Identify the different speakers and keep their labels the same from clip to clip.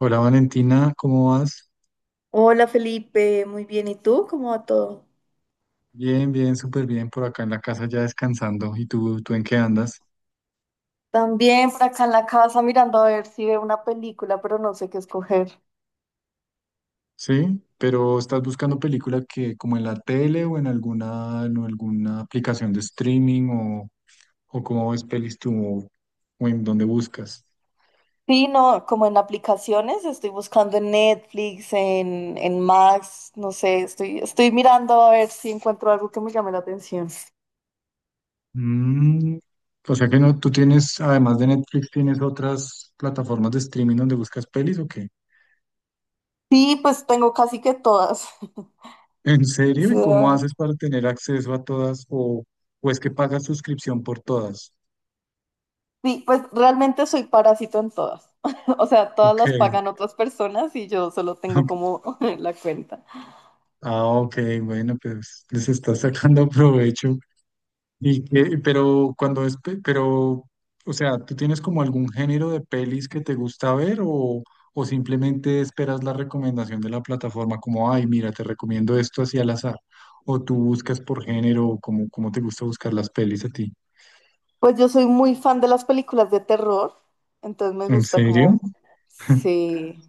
Speaker 1: Hola Valentina, ¿cómo vas?
Speaker 2: Hola Felipe, muy bien. ¿Y tú? ¿Cómo va todo?
Speaker 1: Bien, bien, súper bien por acá en la casa ya descansando. ¿Y tú en qué andas?
Speaker 2: También por acá en la casa mirando a ver si veo una película, pero no sé qué escoger.
Speaker 1: Sí, pero ¿estás buscando película que como en la tele o en alguna aplicación de streaming o cómo ves pelis tú o en dónde buscas?
Speaker 2: Sí, no, como en aplicaciones, estoy buscando en Netflix, en Max, no sé, estoy mirando a ver si encuentro algo que me llame la atención.
Speaker 1: Mm, o sea que no, tú tienes, además de Netflix, ¿tienes otras plataformas de streaming donde buscas pelis o qué?
Speaker 2: Sí, pues tengo casi que todas.
Speaker 1: ¿En
Speaker 2: O
Speaker 1: serio? ¿Y cómo
Speaker 2: sea,
Speaker 1: haces para tener acceso a todas o es que pagas suscripción por todas?
Speaker 2: sí, pues realmente soy parásito en todas. O sea, todas
Speaker 1: Ok.
Speaker 2: las pagan otras personas y yo solo tengo como la cuenta.
Speaker 1: Ah, ok, bueno, pues les está sacando provecho. Y que, pero cuando es, pero, o sea, ¿tú tienes como algún género de pelis que te gusta ver o simplemente esperas la recomendación de la plataforma como, ay, mira, te recomiendo esto así al azar? ¿O tú buscas por género o cómo te gusta buscar las pelis a ti?
Speaker 2: Pues yo soy muy fan de las películas de terror, entonces me
Speaker 1: ¿En
Speaker 2: gusta
Speaker 1: serio?
Speaker 2: como, sí,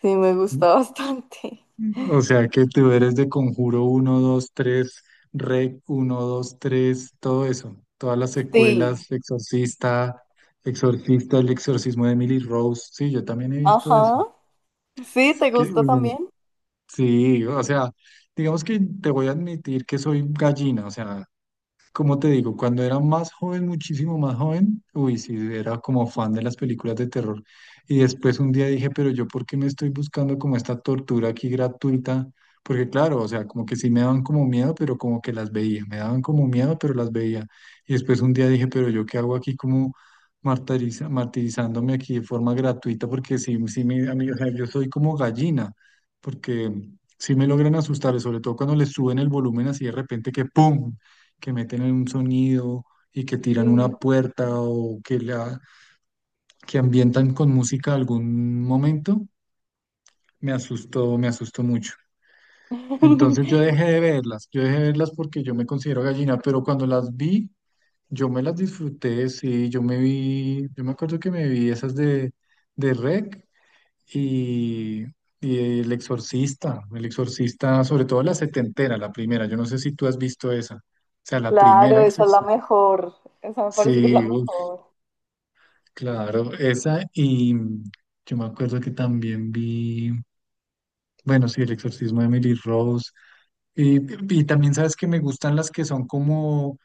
Speaker 2: sí, me gusta bastante.
Speaker 1: O sea que tú eres de Conjuro uno 2 3 Rec uno 2 3 todo eso. Todas las
Speaker 2: Sí,
Speaker 1: secuelas, Exorcista, Exorcista, el exorcismo de Emily Rose. Sí, yo también he visto eso.
Speaker 2: ajá, sí,
Speaker 1: Así
Speaker 2: ¿te
Speaker 1: que,
Speaker 2: gusta
Speaker 1: uy,
Speaker 2: también?
Speaker 1: sí, o sea, digamos que te voy a admitir que soy gallina, o sea, como te digo, cuando era más joven, muchísimo más joven, uy, sí, era como fan de las películas de terror. Y después un día dije, pero yo, ¿por qué me estoy buscando como esta tortura aquí gratuita? Porque claro, o sea, como que sí me daban como miedo, pero como que las veía. Me daban como miedo, pero las veía. Y después un día dije, pero yo, ¿qué hago aquí como martirizándome aquí de forma gratuita? Porque sí, sí, me, a mí, o sea, yo soy como gallina, porque sí me logran asustar, sobre todo cuando les suben el volumen así de repente que ¡pum! Que meten en un sonido y que tiran una
Speaker 2: Sí.
Speaker 1: puerta o que la que ambientan con música algún momento, me asustó mucho. Entonces yo dejé de verlas, yo dejé de verlas porque yo me considero gallina, pero cuando las vi, yo me las disfruté, sí, yo me vi, yo me acuerdo que me vi esas de REC y, y El Exorcista, El Exorcista, sobre todo la setentera, la primera, yo no sé si tú has visto esa, o sea, la primera
Speaker 2: Claro, esa es la
Speaker 1: Exorcista.
Speaker 2: mejor, esa me parece que es la
Speaker 1: Sí,
Speaker 2: mejor.
Speaker 1: claro, esa y yo me acuerdo que también vi, bueno, sí, El exorcismo de Emily Rose. Y, y también sabes que me gustan las que son como,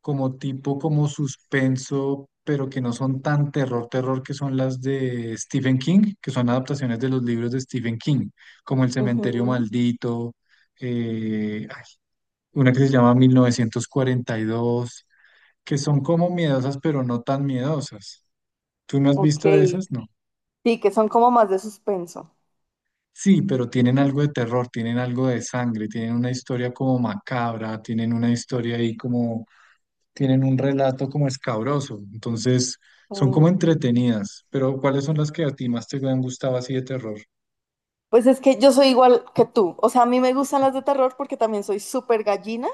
Speaker 1: como tipo, como suspenso, pero que no son tan terror, terror, que son las de Stephen King, que son adaptaciones de los libros de Stephen King, como El cementerio
Speaker 2: Ujú.
Speaker 1: maldito, eh, ay, una que se llama 1942, que son como miedosas, pero no tan miedosas. ¿Tú no has
Speaker 2: Ok,
Speaker 1: visto de esas? No.
Speaker 2: sí, que son como más de suspenso.
Speaker 1: Sí, pero tienen algo de terror, tienen algo de sangre, tienen una historia como macabra, tienen una historia ahí como, tienen un relato como escabroso. Entonces, son como
Speaker 2: Sí.
Speaker 1: entretenidas. Pero, ¿cuáles son las que a ti más te han gustado así de terror?
Speaker 2: Pues es que yo soy igual que tú, o sea, a mí me gustan las de terror porque también soy súper gallina.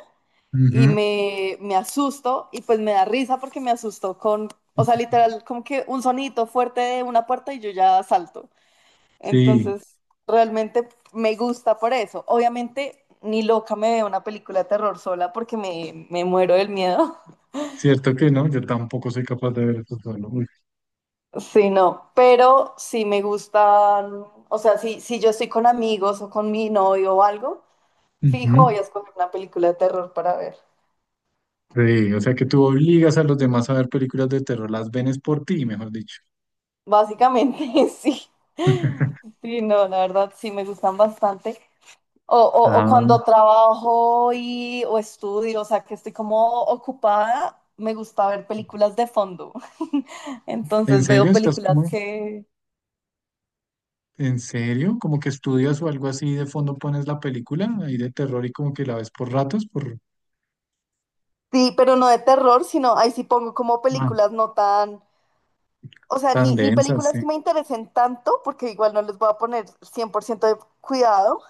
Speaker 2: Y
Speaker 1: Ujú.
Speaker 2: me asusto y pues me da risa porque me asustó con, o sea, literal, como que un sonito fuerte de una puerta y yo ya salto.
Speaker 1: Sí,
Speaker 2: Entonces, realmente me gusta por eso. Obviamente, ni loca me veo una película de terror sola porque me muero del miedo.
Speaker 1: cierto que no, yo tampoco soy capaz de ver eso solo. Uy.
Speaker 2: Sí, no, pero sí me gustan, o sea, si yo estoy con amigos o con mi novio o algo, fijo voy
Speaker 1: Ujú.
Speaker 2: a escoger una película de terror para ver.
Speaker 1: Sí, o sea que tú obligas a los demás a ver películas de terror, las ven es por ti, mejor dicho.
Speaker 2: Básicamente, sí. Sí, no, la verdad, sí, me gustan bastante. O
Speaker 1: Ah.
Speaker 2: cuando trabajo y, o estudio, o sea, que estoy como ocupada, me gusta ver películas de fondo.
Speaker 1: ¿En
Speaker 2: Entonces veo
Speaker 1: serio? ¿Estás
Speaker 2: películas
Speaker 1: como?
Speaker 2: que...
Speaker 1: ¿En serio? ¿Como que estudias o algo así y de fondo pones la película ahí de terror y como que la ves por ratos, por
Speaker 2: Sí, pero no de terror, sino ahí sí pongo como
Speaker 1: ah,
Speaker 2: películas no tan... O sea,
Speaker 1: tan
Speaker 2: ni
Speaker 1: densa, sí.
Speaker 2: películas que me interesen tanto, porque igual no les voy a poner 100% de cuidado,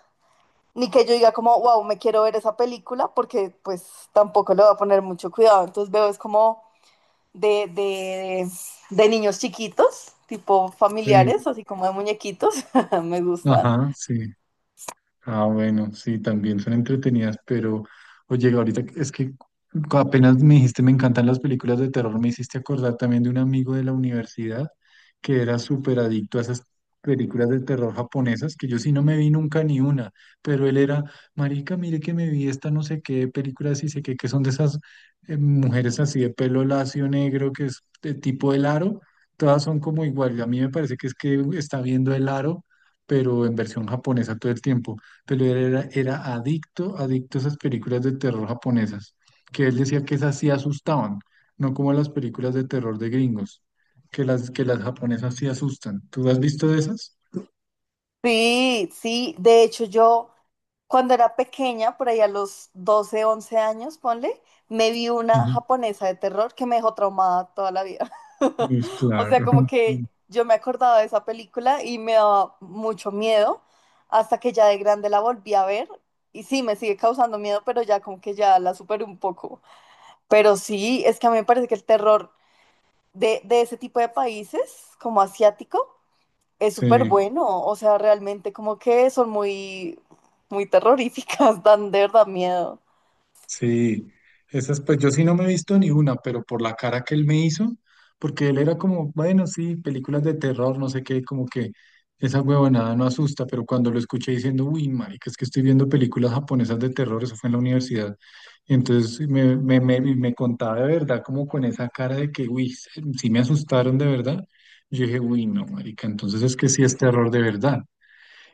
Speaker 2: ni que yo diga como, wow, me quiero ver esa película, porque pues tampoco le voy a poner mucho cuidado. Entonces veo es como de, de, de niños chiquitos, tipo
Speaker 1: Sí.
Speaker 2: familiares, así como de muñequitos, me gustan.
Speaker 1: Ajá, sí. Ah, bueno, sí, también son entretenidas, pero oye, ahorita es que apenas me dijiste, me encantan las películas de terror, me hiciste acordar también de un amigo de la universidad que era súper adicto a esas películas de terror japonesas, que yo sí no me vi nunca ni una, pero él era, marica, mire que me vi esta no sé qué películas y sé qué, que son de esas mujeres así de pelo lacio negro, que es de tipo el aro, todas son como igual, y a mí me parece que es que está viendo el aro, pero en versión japonesa todo el tiempo pero él era, era adicto, adicto a esas películas de terror japonesas, que él decía que esas sí asustaban, no como las películas de terror de gringos, que las japonesas sí asustan. ¿Tú has visto de esas?
Speaker 2: Sí, sí, de hecho yo, cuando era pequeña, por ahí a los 12, 11 años, ponle, me vi una
Speaker 1: Ujú.
Speaker 2: japonesa de terror que me dejó traumada toda la vida.
Speaker 1: Pues
Speaker 2: O sea, como
Speaker 1: claro.
Speaker 2: que yo me acordaba de esa película y me daba mucho miedo hasta que ya de grande la volví a ver. Y sí, me sigue causando miedo, pero ya como que ya la superé un poco. Pero sí, es que a mí me parece que el terror de ese tipo de países, como asiático, es súper
Speaker 1: Sí.
Speaker 2: bueno, o sea, realmente como que son muy, muy terroríficas, dan de verdad miedo.
Speaker 1: Sí, esas pues yo sí no me he visto ni una, pero por la cara que él me hizo, porque él era como, bueno, sí, películas de terror, no sé qué, como que esa huevonada no asusta, pero cuando lo escuché diciendo, uy, marica, es que estoy viendo películas japonesas de terror, eso fue en la universidad, y entonces me contaba de verdad, como con esa cara de que, uy, sí sí me asustaron de verdad, yo dije, uy, no, marica, entonces es que sí es terror de verdad.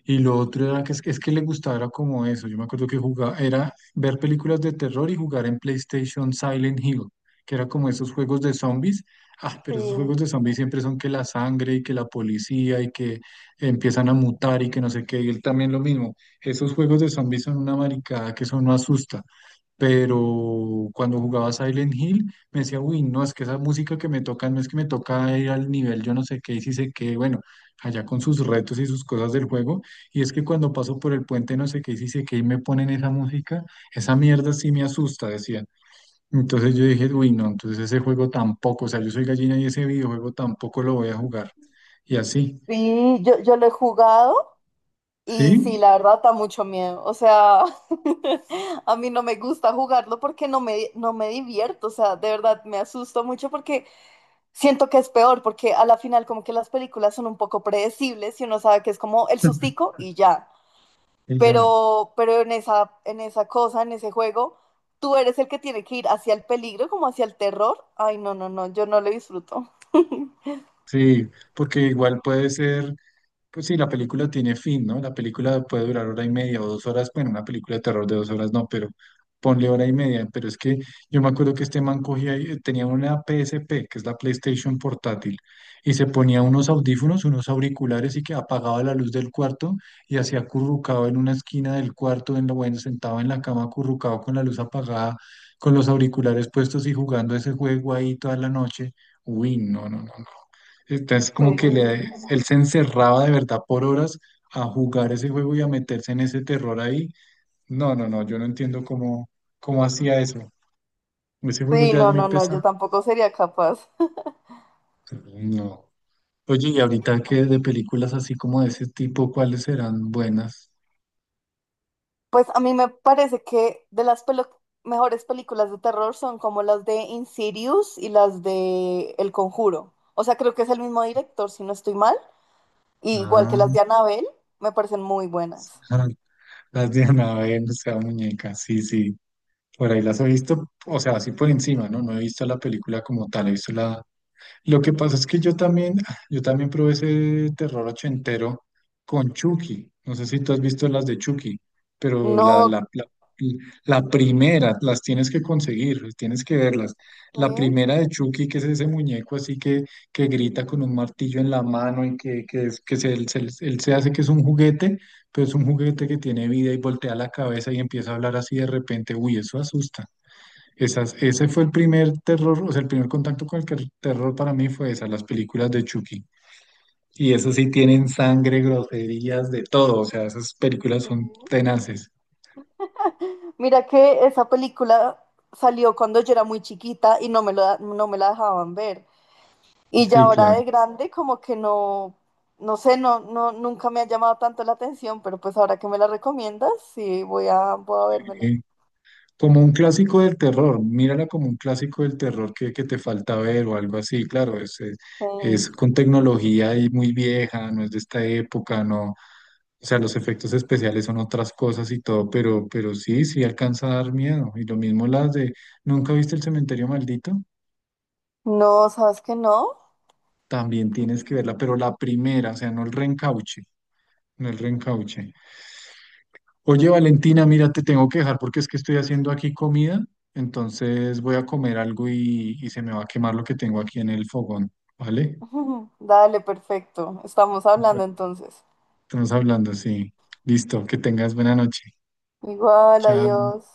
Speaker 1: Y lo otro era que es que le gustaba era como eso. Yo me acuerdo que jugaba, era ver películas de terror y jugar en PlayStation Silent Hill, que era como esos juegos de zombies. Ah, pero esos
Speaker 2: Sí,
Speaker 1: juegos de zombies siempre son que la sangre y que la policía y que empiezan a mutar y que no sé qué. Y él también lo mismo. Esos juegos de zombies son una maricada que eso no asusta pero cuando jugaba Silent Hill me decía, uy, no, es que esa música que me toca, no es que me toca ir al nivel, yo no sé qué, y si sé qué, bueno, allá con sus retos y sus cosas del juego, y es que cuando paso por el puente, no sé qué, y si sé qué, y me ponen esa música, esa mierda sí me asusta, decía. Entonces yo dije, uy, no, entonces ese juego tampoco, o sea, yo soy gallina y ese videojuego tampoco lo voy a jugar. Y así,
Speaker 2: sí, yo lo he jugado y sí,
Speaker 1: ¿sí?
Speaker 2: la verdad da mucho miedo, o sea, a mí no me gusta jugarlo porque no me divierto, o sea, de verdad me asusto mucho porque siento que es peor, porque a la final como que las películas son un poco predecibles y uno sabe que es como el sustico y ya.
Speaker 1: Y ya.
Speaker 2: Pero en esa, en ese juego, tú eres el que tiene que ir hacia el peligro, como hacia el terror. Ay, no, no, no, yo no lo disfruto.
Speaker 1: Sí, porque igual puede ser. Pues sí, la película tiene fin, ¿no? La película puede durar hora y media o dos horas. Bueno, una película de terror de dos horas no, pero ponle hora y media. Pero es que yo me acuerdo que este man cogía, tenía una PSP, que es la PlayStation portátil, y se ponía unos audífonos, unos auriculares y que apagaba la luz del cuarto y hacía acurrucado en una esquina del cuarto, en lo bueno, sentado en la cama acurrucado con la luz apagada, con los auriculares puestos y jugando ese juego ahí toda la noche. Uy, no, no, no, entonces,
Speaker 2: Sí.
Speaker 1: como que él se encerraba de verdad por horas a jugar ese juego y a meterse en ese terror ahí. No, no, no, yo no entiendo cómo, cómo hacía eso. Ese juego
Speaker 2: Sí,
Speaker 1: ya es
Speaker 2: no,
Speaker 1: muy
Speaker 2: no, no, yo
Speaker 1: pesado.
Speaker 2: tampoco sería capaz.
Speaker 1: No. Oye, y ahorita que de películas así como de ese tipo, ¿cuáles serán buenas?
Speaker 2: Pues a mí me parece que mejores películas de terror son como las de Insidious y las de El Conjuro. O sea, creo que es el mismo director, si no estoy mal. Y igual que
Speaker 1: Ah,
Speaker 2: las de Annabelle, me parecen muy buenas.
Speaker 1: las de Anabel, o sea, muñeca, sí, sí. Por ahí las he visto, o sea, así por encima, ¿no? No he visto la película como tal, he visto la, lo que pasa es que yo también probé ese terror ochentero con Chucky. No sé si tú has visto las de Chucky, pero la,
Speaker 2: No,
Speaker 1: la, la, la primera, las tienes que conseguir, tienes que verlas. La
Speaker 2: sé.
Speaker 1: primera de Chucky, que es ese muñeco así que grita con un martillo en la mano y que, que se, él, se, él se hace que es un juguete, pero es un juguete que tiene vida y voltea la cabeza y empieza a hablar así de repente. Uy, eso asusta. Esas, ese fue el primer terror, o sea, el primer contacto con el terror para mí fue esas, las películas de Chucky. Y esas sí tienen sangre, groserías, de todo, o sea, esas películas son tenaces.
Speaker 2: Mira que esa película salió cuando yo era muy chiquita y no me la dejaban ver. Y ya
Speaker 1: Sí,
Speaker 2: ahora
Speaker 1: claro.
Speaker 2: de grande como que no, no sé, no, nunca me ha llamado tanto la atención, pero pues ahora que me la recomiendas, sí, voy a vérmela.
Speaker 1: Eh, como un clásico del terror, mírala como un clásico del terror que te falta ver o algo así, claro, es
Speaker 2: Sí.
Speaker 1: con tecnología y muy vieja, no es de esta época, no, o sea, los efectos especiales son otras cosas y todo, pero sí, sí alcanza a dar miedo. Y lo mismo las de, ¿nunca viste el cementerio maldito?
Speaker 2: No, ¿sabes que no?
Speaker 1: También tienes que verla, pero la primera, o sea, no el reencauche, no el reencauche. Oye, Valentina, mira, te tengo que dejar porque es que estoy haciendo aquí comida, entonces voy a comer algo y se me va a quemar lo que tengo aquí en el fogón, ¿vale?
Speaker 2: Dale, perfecto. Estamos hablando entonces.
Speaker 1: Estamos hablando, sí. Listo, que tengas buena noche.
Speaker 2: Igual, adiós.
Speaker 1: Chao.